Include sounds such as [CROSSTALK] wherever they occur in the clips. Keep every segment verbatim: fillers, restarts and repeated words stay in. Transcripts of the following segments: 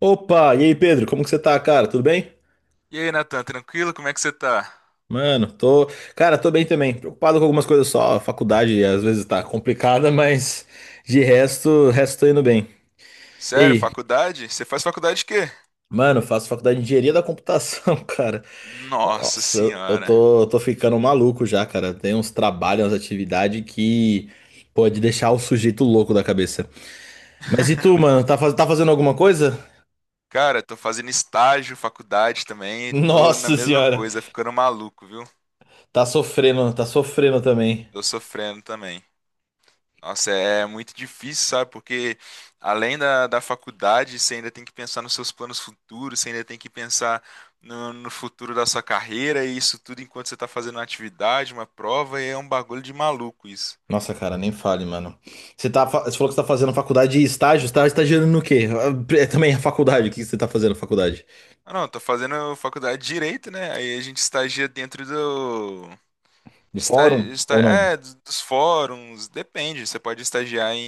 Opa, e aí Pedro, como que você tá, cara? Tudo bem? E aí, Natan, tranquilo? Como é que você tá? Mano, tô, cara, tô bem também. Preocupado com algumas coisas só, a faculdade às vezes tá complicada, [LAUGHS] mas de resto, resto tô indo bem. E Sério, aí? faculdade? Você faz faculdade de quê? Mano, faço faculdade de engenharia da computação, [LAUGHS] cara. Nossa Nossa, eu eu senhora. tô, eu tô ficando maluco já, cara. Tem uns trabalhos, umas atividades que pode deixar o sujeito louco da cabeça. Mas e tu, mano, tá, faz- tá fazendo alguma coisa? Cara, tô fazendo estágio, faculdade [LAUGHS] também, e tô na Nossa mesma senhora, coisa, ficando maluco, viu? tá sofrendo, tá sofrendo também. Tô sofrendo também. Nossa, é é muito difícil, sabe? Porque além da, da faculdade, você ainda tem que pensar nos seus planos futuros, você ainda tem que pensar no, no futuro da sua carreira, e isso tudo enquanto você tá fazendo uma atividade, uma prova, e é um bagulho de maluco isso. Nossa, cara, nem fale, mano. Você tá, fa- você falou que você tá fazendo faculdade de estágio, você tá estagiando no quê? Ah, é também a faculdade, o que você tá fazendo na faculdade? Ah, não, tô fazendo faculdade de Direito, né? Aí a gente estagia dentro do. No Estagia, fórum esta- ou não? é, dos dos fóruns, depende. Você pode estagiar em,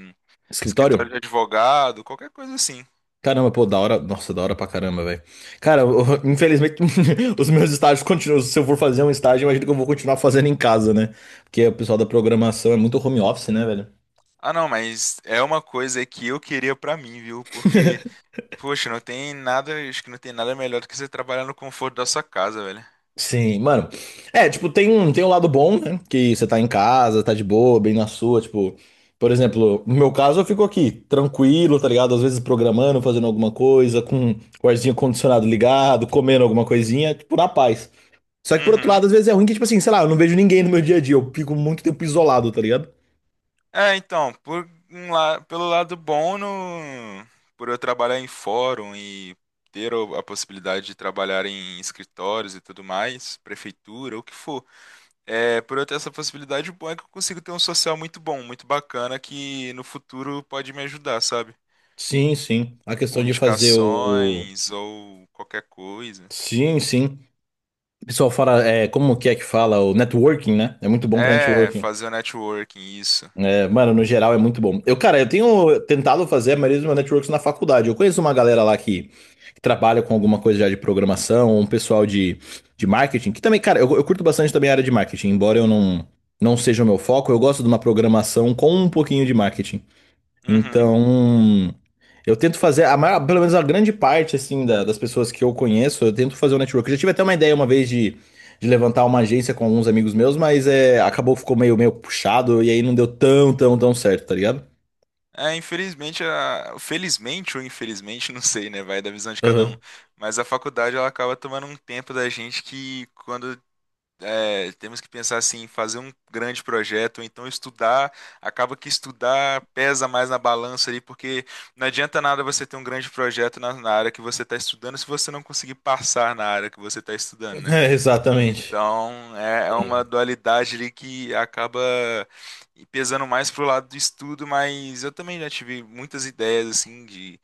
em escritório Escritório? de advogado, qualquer coisa assim. Caramba, pô, da hora. Nossa, da hora pra caramba, velho. Cara, eu- [LAUGHS] infelizmente, [LAUGHS] os meus estágios continuam. Se eu for fazer um estágio, imagino que eu vou continuar fazendo em casa, né? Porque o pessoal da programação é muito home office, né, velho? Ah, não, mas é uma coisa que eu queria pra mim, viu? Porque, poxa, não tem nada, acho que não tem nada melhor do que você trabalhar no conforto da sua casa, velho. Sim, mano. É, tipo, tem um, tem um lado bom, né? Que você tá em casa, tá de boa, bem na sua, tipo, por exemplo, no meu caso eu fico aqui, tranquilo, tá ligado? Às vezes programando, fazendo alguma coisa, com o arzinho condicionado ligado, comendo alguma coisinha, tipo, na paz. Só que por outro Uhum. lado, às vezes é ruim que, tipo assim, sei lá, eu não vejo ninguém no meu dia a dia, eu fico muito tempo isolado, tá ligado? É, então, por um la- pelo lado bom, no- por eu trabalhar em fórum e ter o- a possibilidade de trabalhar em escritórios e tudo mais, prefeitura, o que for, é, por eu ter essa possibilidade, o bom é que eu consigo ter um social muito bom, muito bacana, que no futuro pode me ajudar, sabe? Sim, sim. A questão Com de fazer o. indicações ou qualquer coisa. Sim, sim. O pessoal fala, é, como que é que fala? O networking, né? É muito bom pra É, networking. fazer o networking, isso. É, mano, no geral é muito bom. Eu, cara, eu tenho tentado fazer a maioria dos meus networks na faculdade. Eu conheço uma galera lá que, que trabalha com alguma coisa já de programação, um pessoal de, de marketing, que também, cara, eu, eu curto bastante também a área de marketing, embora eu não, não seja o meu foco, eu gosto de uma programação com um pouquinho de marketing. Uhum. Então, eu tento fazer, a maior, pelo menos a grande parte, assim, da- das pessoas que eu conheço, eu tento fazer o network. Eu já tive até uma ideia uma vez de, de levantar uma agência com alguns amigos meus, mas é, acabou, ficou meio, meio puxado, e aí não deu tão, tão, tão certo, tá ligado? É, infelizmente, a- felizmente ou infelizmente, [LAUGHS] não sei, né? Vai da visão de cada um. Aham. [LAUGHS] Mas a faculdade ela acaba tomando um tempo da gente que quando é, temos que pensar assim, em fazer um grande projeto, ou então estudar, acaba que estudar pesa mais na balança ali, porque não adianta nada você ter um grande projeto na, na área que você está estudando se você não conseguir passar na área que você está estudando, né? É, exatamente. Então, é é uma Sim. dualidade ali que acaba pesando mais pro lado do estudo, mas eu também já tive muitas ideias assim de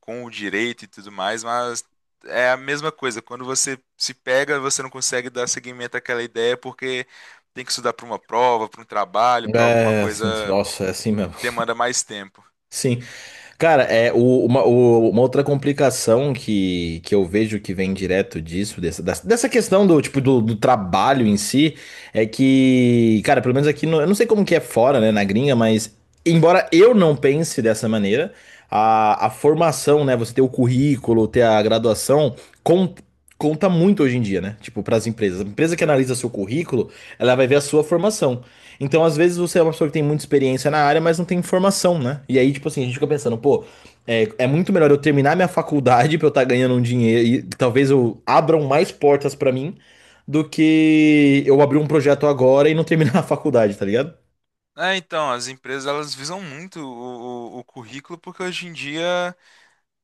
com o direito e tudo mais, mas é a mesma coisa. Quando você se pega, você não consegue dar seguimento àquela ideia porque tem que estudar para uma prova, para um trabalho, para alguma É, coisa que nossa, é assim mesmo. demanda mais tempo. Sim. Cara, é, o- uma, o- uma outra complicação que, que eu vejo que vem direto disso, dessa, dessa dessa questão do tipo do, do trabalho em si, é que, cara, pelo menos aqui, no- eu não sei como que é fora, né, na gringa, mas embora eu não pense dessa maneira, a, a formação, né, você ter o currículo, ter a graduação, con- conta muito hoje em dia, né? Tipo, para as empresas. A empresa que analisa seu currículo, ela vai ver a sua formação. Então, às vezes, você é uma pessoa que tem muita experiência na área, mas não tem formação, né? E aí, tipo assim, a gente fica pensando, pô, é, é muito melhor eu terminar minha faculdade [LAUGHS] pra eu estar ganhando um dinheiro e talvez eu abram mais portas pra mim do que eu abrir um projeto agora e não terminar [LAUGHS] a faculdade, tá ligado? É, então, as empresas elas visam muito o, o o currículo porque hoje em dia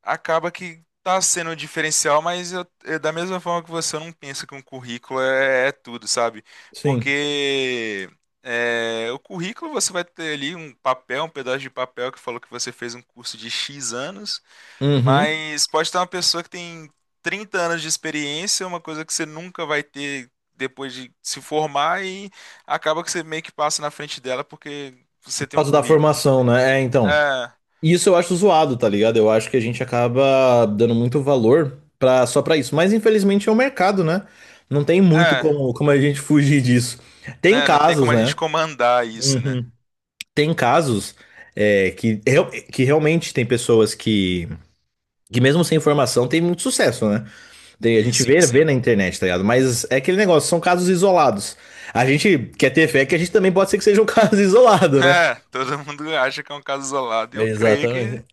acaba que tá sendo um diferencial, mas eu, eu- da mesma forma que você, eu não penso que um currículo é, é tudo, sabe? Sim. Porque é, o currículo você vai ter ali um papel, um pedaço de papel que falou que você fez um curso de X anos, Uhum. mas pode estar uma pessoa que tem trinta anos de experiência, uma coisa que você nunca vai ter depois de se formar e acaba que você meio que passa na frente dela porque Por você tem um causa da currículo. formação, né? É, então. É, Isso eu acho zoado, tá ligado? Eu acho que a gente acaba dando muito valor pra, só pra isso. Mas infelizmente é o mercado, né? Não tem muito é, como, como a gente fugir disso. Tem né? Não tem como casos, a gente né? comandar isso, né? Uhum. Tem casos é, que, real- que realmente tem pessoas que, que mesmo sem informação, tem muito sucesso, né? Tem- a Ih, gente sim, vê, vê sim. na [LAUGHS] internet, tá ligado? Mas é aquele negócio, são casos isolados. A gente quer ter fé que a gente também pode ser que seja um [LAUGHS] caso isolado, né? É, todo mundo acha que é um caso isolado. E eu creio Exatamente. que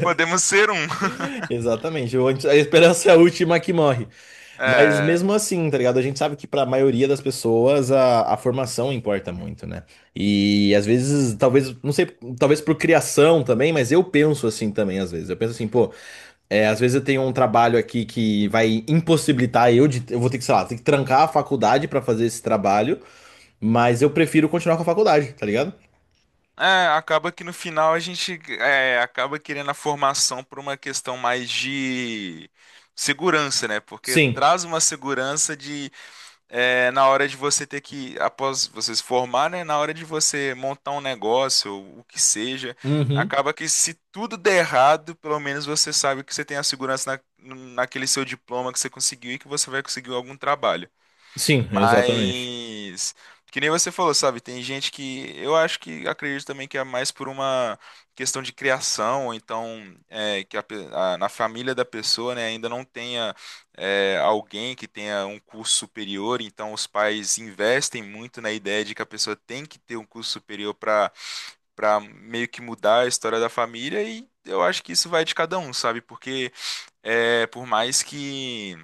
podemos ser um. [LAUGHS] Exatamente. Ou A gente- a esperança é a última que morre. Mas É, mesmo assim, tá ligado? A gente sabe que pra maioria das pessoas a, a formação importa muito, né? E às vezes, talvez, não sei, talvez por criação também, mas eu penso assim também, às vezes. Eu penso assim, pô, é, às vezes eu tenho um trabalho aqui que vai impossibilitar eu de. Eu vou ter que, sei lá, ter que trancar a faculdade pra fazer esse trabalho, mas eu prefiro continuar com a faculdade, tá ligado? é, acaba que no final a gente é, acaba querendo a formação por uma questão mais de segurança, né? Porque Sim. traz uma segurança de é, na hora de você ter que, após você se formar, né, na hora de você montar um negócio, ou o que seja, Uhum. acaba que se tudo der errado, pelo menos você sabe que você tem a segurança na, naquele seu diploma que você conseguiu e que você vai conseguir algum trabalho. Sim, exatamente. Mas que nem você falou, sabe? Tem gente que eu acho que acredito também que é mais por uma questão de criação, ou então é, que a pe- a- na família da pessoa, né, ainda não tenha é, alguém que tenha um curso superior, então os pais investem muito na ideia de que a pessoa tem que ter um curso superior para para meio que mudar a história da família e eu acho que isso vai de cada um, sabe? Porque é, por mais que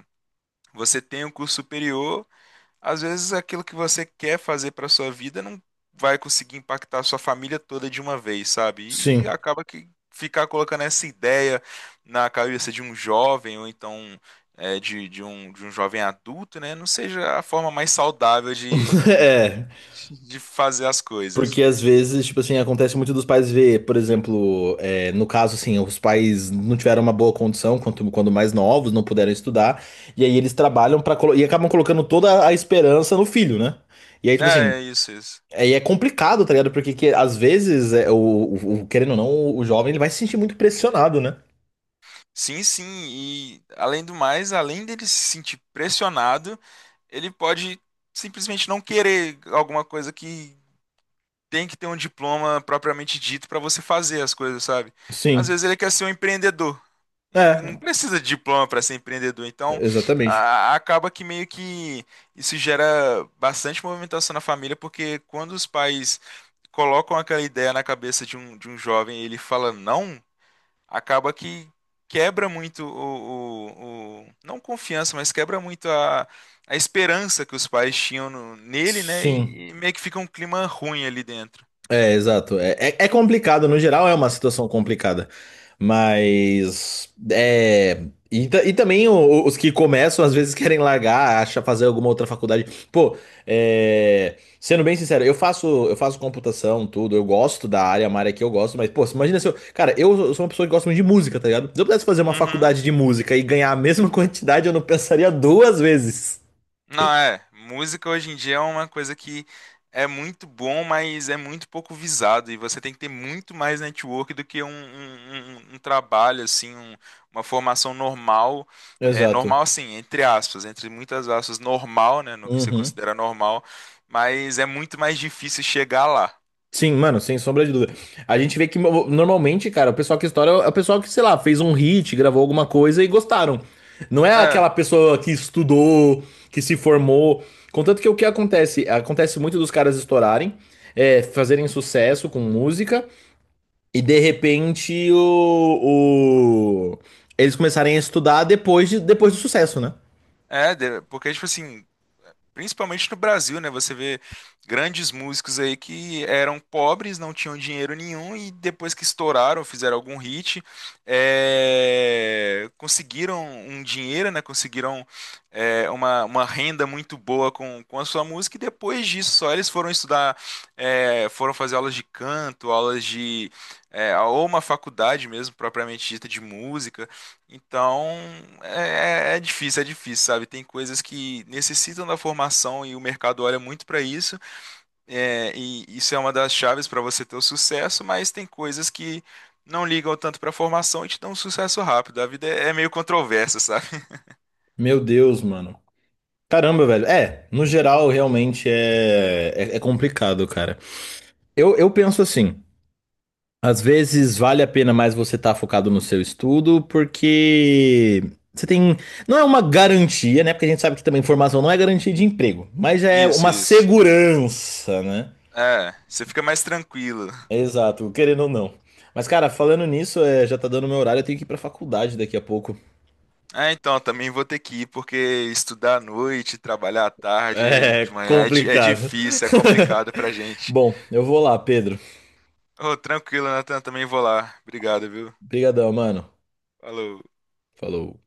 você tenha um curso superior às vezes aquilo que você quer fazer para sua vida não vai conseguir impactar a sua família toda de uma vez, sabe? E Sim. acaba que ficar colocando essa ideia na cabeça de um jovem ou então é, de, de um, de um jovem adulto, né? Não seja a forma mais saudável de, [LAUGHS] É. de fazer as coisas. Porque às vezes, tipo assim, acontece muito dos pais ver, por exemplo, é, no caso, assim, os pais não tiveram uma boa condição quando, quando mais novos, não puderam estudar, e aí eles trabalham para e acabam colocando toda a esperança no filho, né? E aí, tipo assim, É, é isso, isso. aí é complicado, tá ligado? Porque que, às vezes, é, o, o- o- querendo ou não, o, o jovem ele vai se sentir muito pressionado, né? Sim, sim. E além do mais, além dele se sentir pressionado, ele pode simplesmente não querer alguma coisa que tem que ter um diploma propriamente dito para você fazer as coisas, sabe? Às Sim. vezes ele quer ser um empreendedor e não É, precisa de diploma para ser empreendedor. Então, exatamente. a- acaba que meio que isso gera bastante movimentação na família, porque quando os pais colocam aquela ideia na cabeça de um, de um jovem e ele fala não, acaba que quebra muito o, o- o- não confiança, mas quebra muito a, a esperança que os pais tinham no- nele, né? Sim. E, e meio que fica um clima ruim ali dentro. É, exato. É, é, é complicado, no geral é uma situação complicada. Mas. É, e, ta- e também o- o- os que começam às vezes querem largar, acha fazer alguma outra faculdade. Pô, é, sendo bem sincero, eu faço, eu faço computação, tudo, eu gosto da área, é uma área que eu gosto, mas, pô, imagina se eu. Cara, eu sou uma pessoa que gosta muito de música, tá ligado? Se eu pudesse fazer uma Uhum. faculdade de música e ganhar a mesma [LAUGHS] quantidade, eu não pensaria duas vezes. Não, é. Música hoje em dia é uma coisa que é muito bom, mas é muito pouco visado. E você tem que ter muito mais network do que um, um- um- um trabalho, assim, um- uma formação normal. É, Exato. normal, assim, entre aspas, entre muitas aspas, normal, né? No que você Uhum. considera normal. Mas é muito mais difícil chegar lá. Sim, mano, sem sombra de dúvida. A gente vê que mo- normalmente, cara, o pessoal que estoura é o pessoal que, sei lá, fez um hit, gravou alguma coisa e gostaram. Não é É, aquela pessoa que estudou, que se formou. Contanto que o que acontece? Acontece muito dos caras estourarem, é, fazerem sucesso com música e de repente o, o- eles começarem a estudar depois, de, depois do sucesso, né? é, de- porque, tipo assim. Principalmente no Brasil, né? Você vê grandes músicos aí que eram pobres, não tinham dinheiro nenhum e depois que estouraram, fizeram algum hit, é, conseguiram um dinheiro, né? Conseguiram é, uma, uma renda muito boa com, com a sua música e depois disso só eles foram estudar, é, foram fazer aulas de canto, aulas de, é, ou uma faculdade mesmo, propriamente dita, de música. Então, é, é é difícil, é difícil, sabe? Tem coisas que necessitam da formação e o mercado olha muito para isso, é, e isso é uma das chaves para você ter o sucesso, mas tem coisas que não ligam tanto para a formação e te dão um sucesso rápido. A vida é, é meio controversa, sabe? [LAUGHS] Meu Deus, mano. Caramba, velho. É, no geral, realmente é, é é complicado, cara. Eu, eu penso assim. Às vezes vale a pena mais você estar focado no seu estudo, porque você tem. Não é uma garantia, né? Porque a gente sabe que também formação não é garantia de emprego, mas é Isso, uma isso. segurança, né? É, você fica mais tranquilo. Exato, querendo ou não. Mas, cara, falando nisso, é, já tá dando meu horário, eu tenho que ir pra faculdade daqui a pouco. Ah, então, também vou ter que ir, porque estudar à noite, trabalhar à tarde, É de manhã é, di- é complicado. difícil, é complicado pra [LAUGHS] gente. Bom, eu vou lá, Pedro. Ô, tranquilo, Nathan, também vou lá. Obrigado, viu? Obrigadão, mano. Falou. Falou.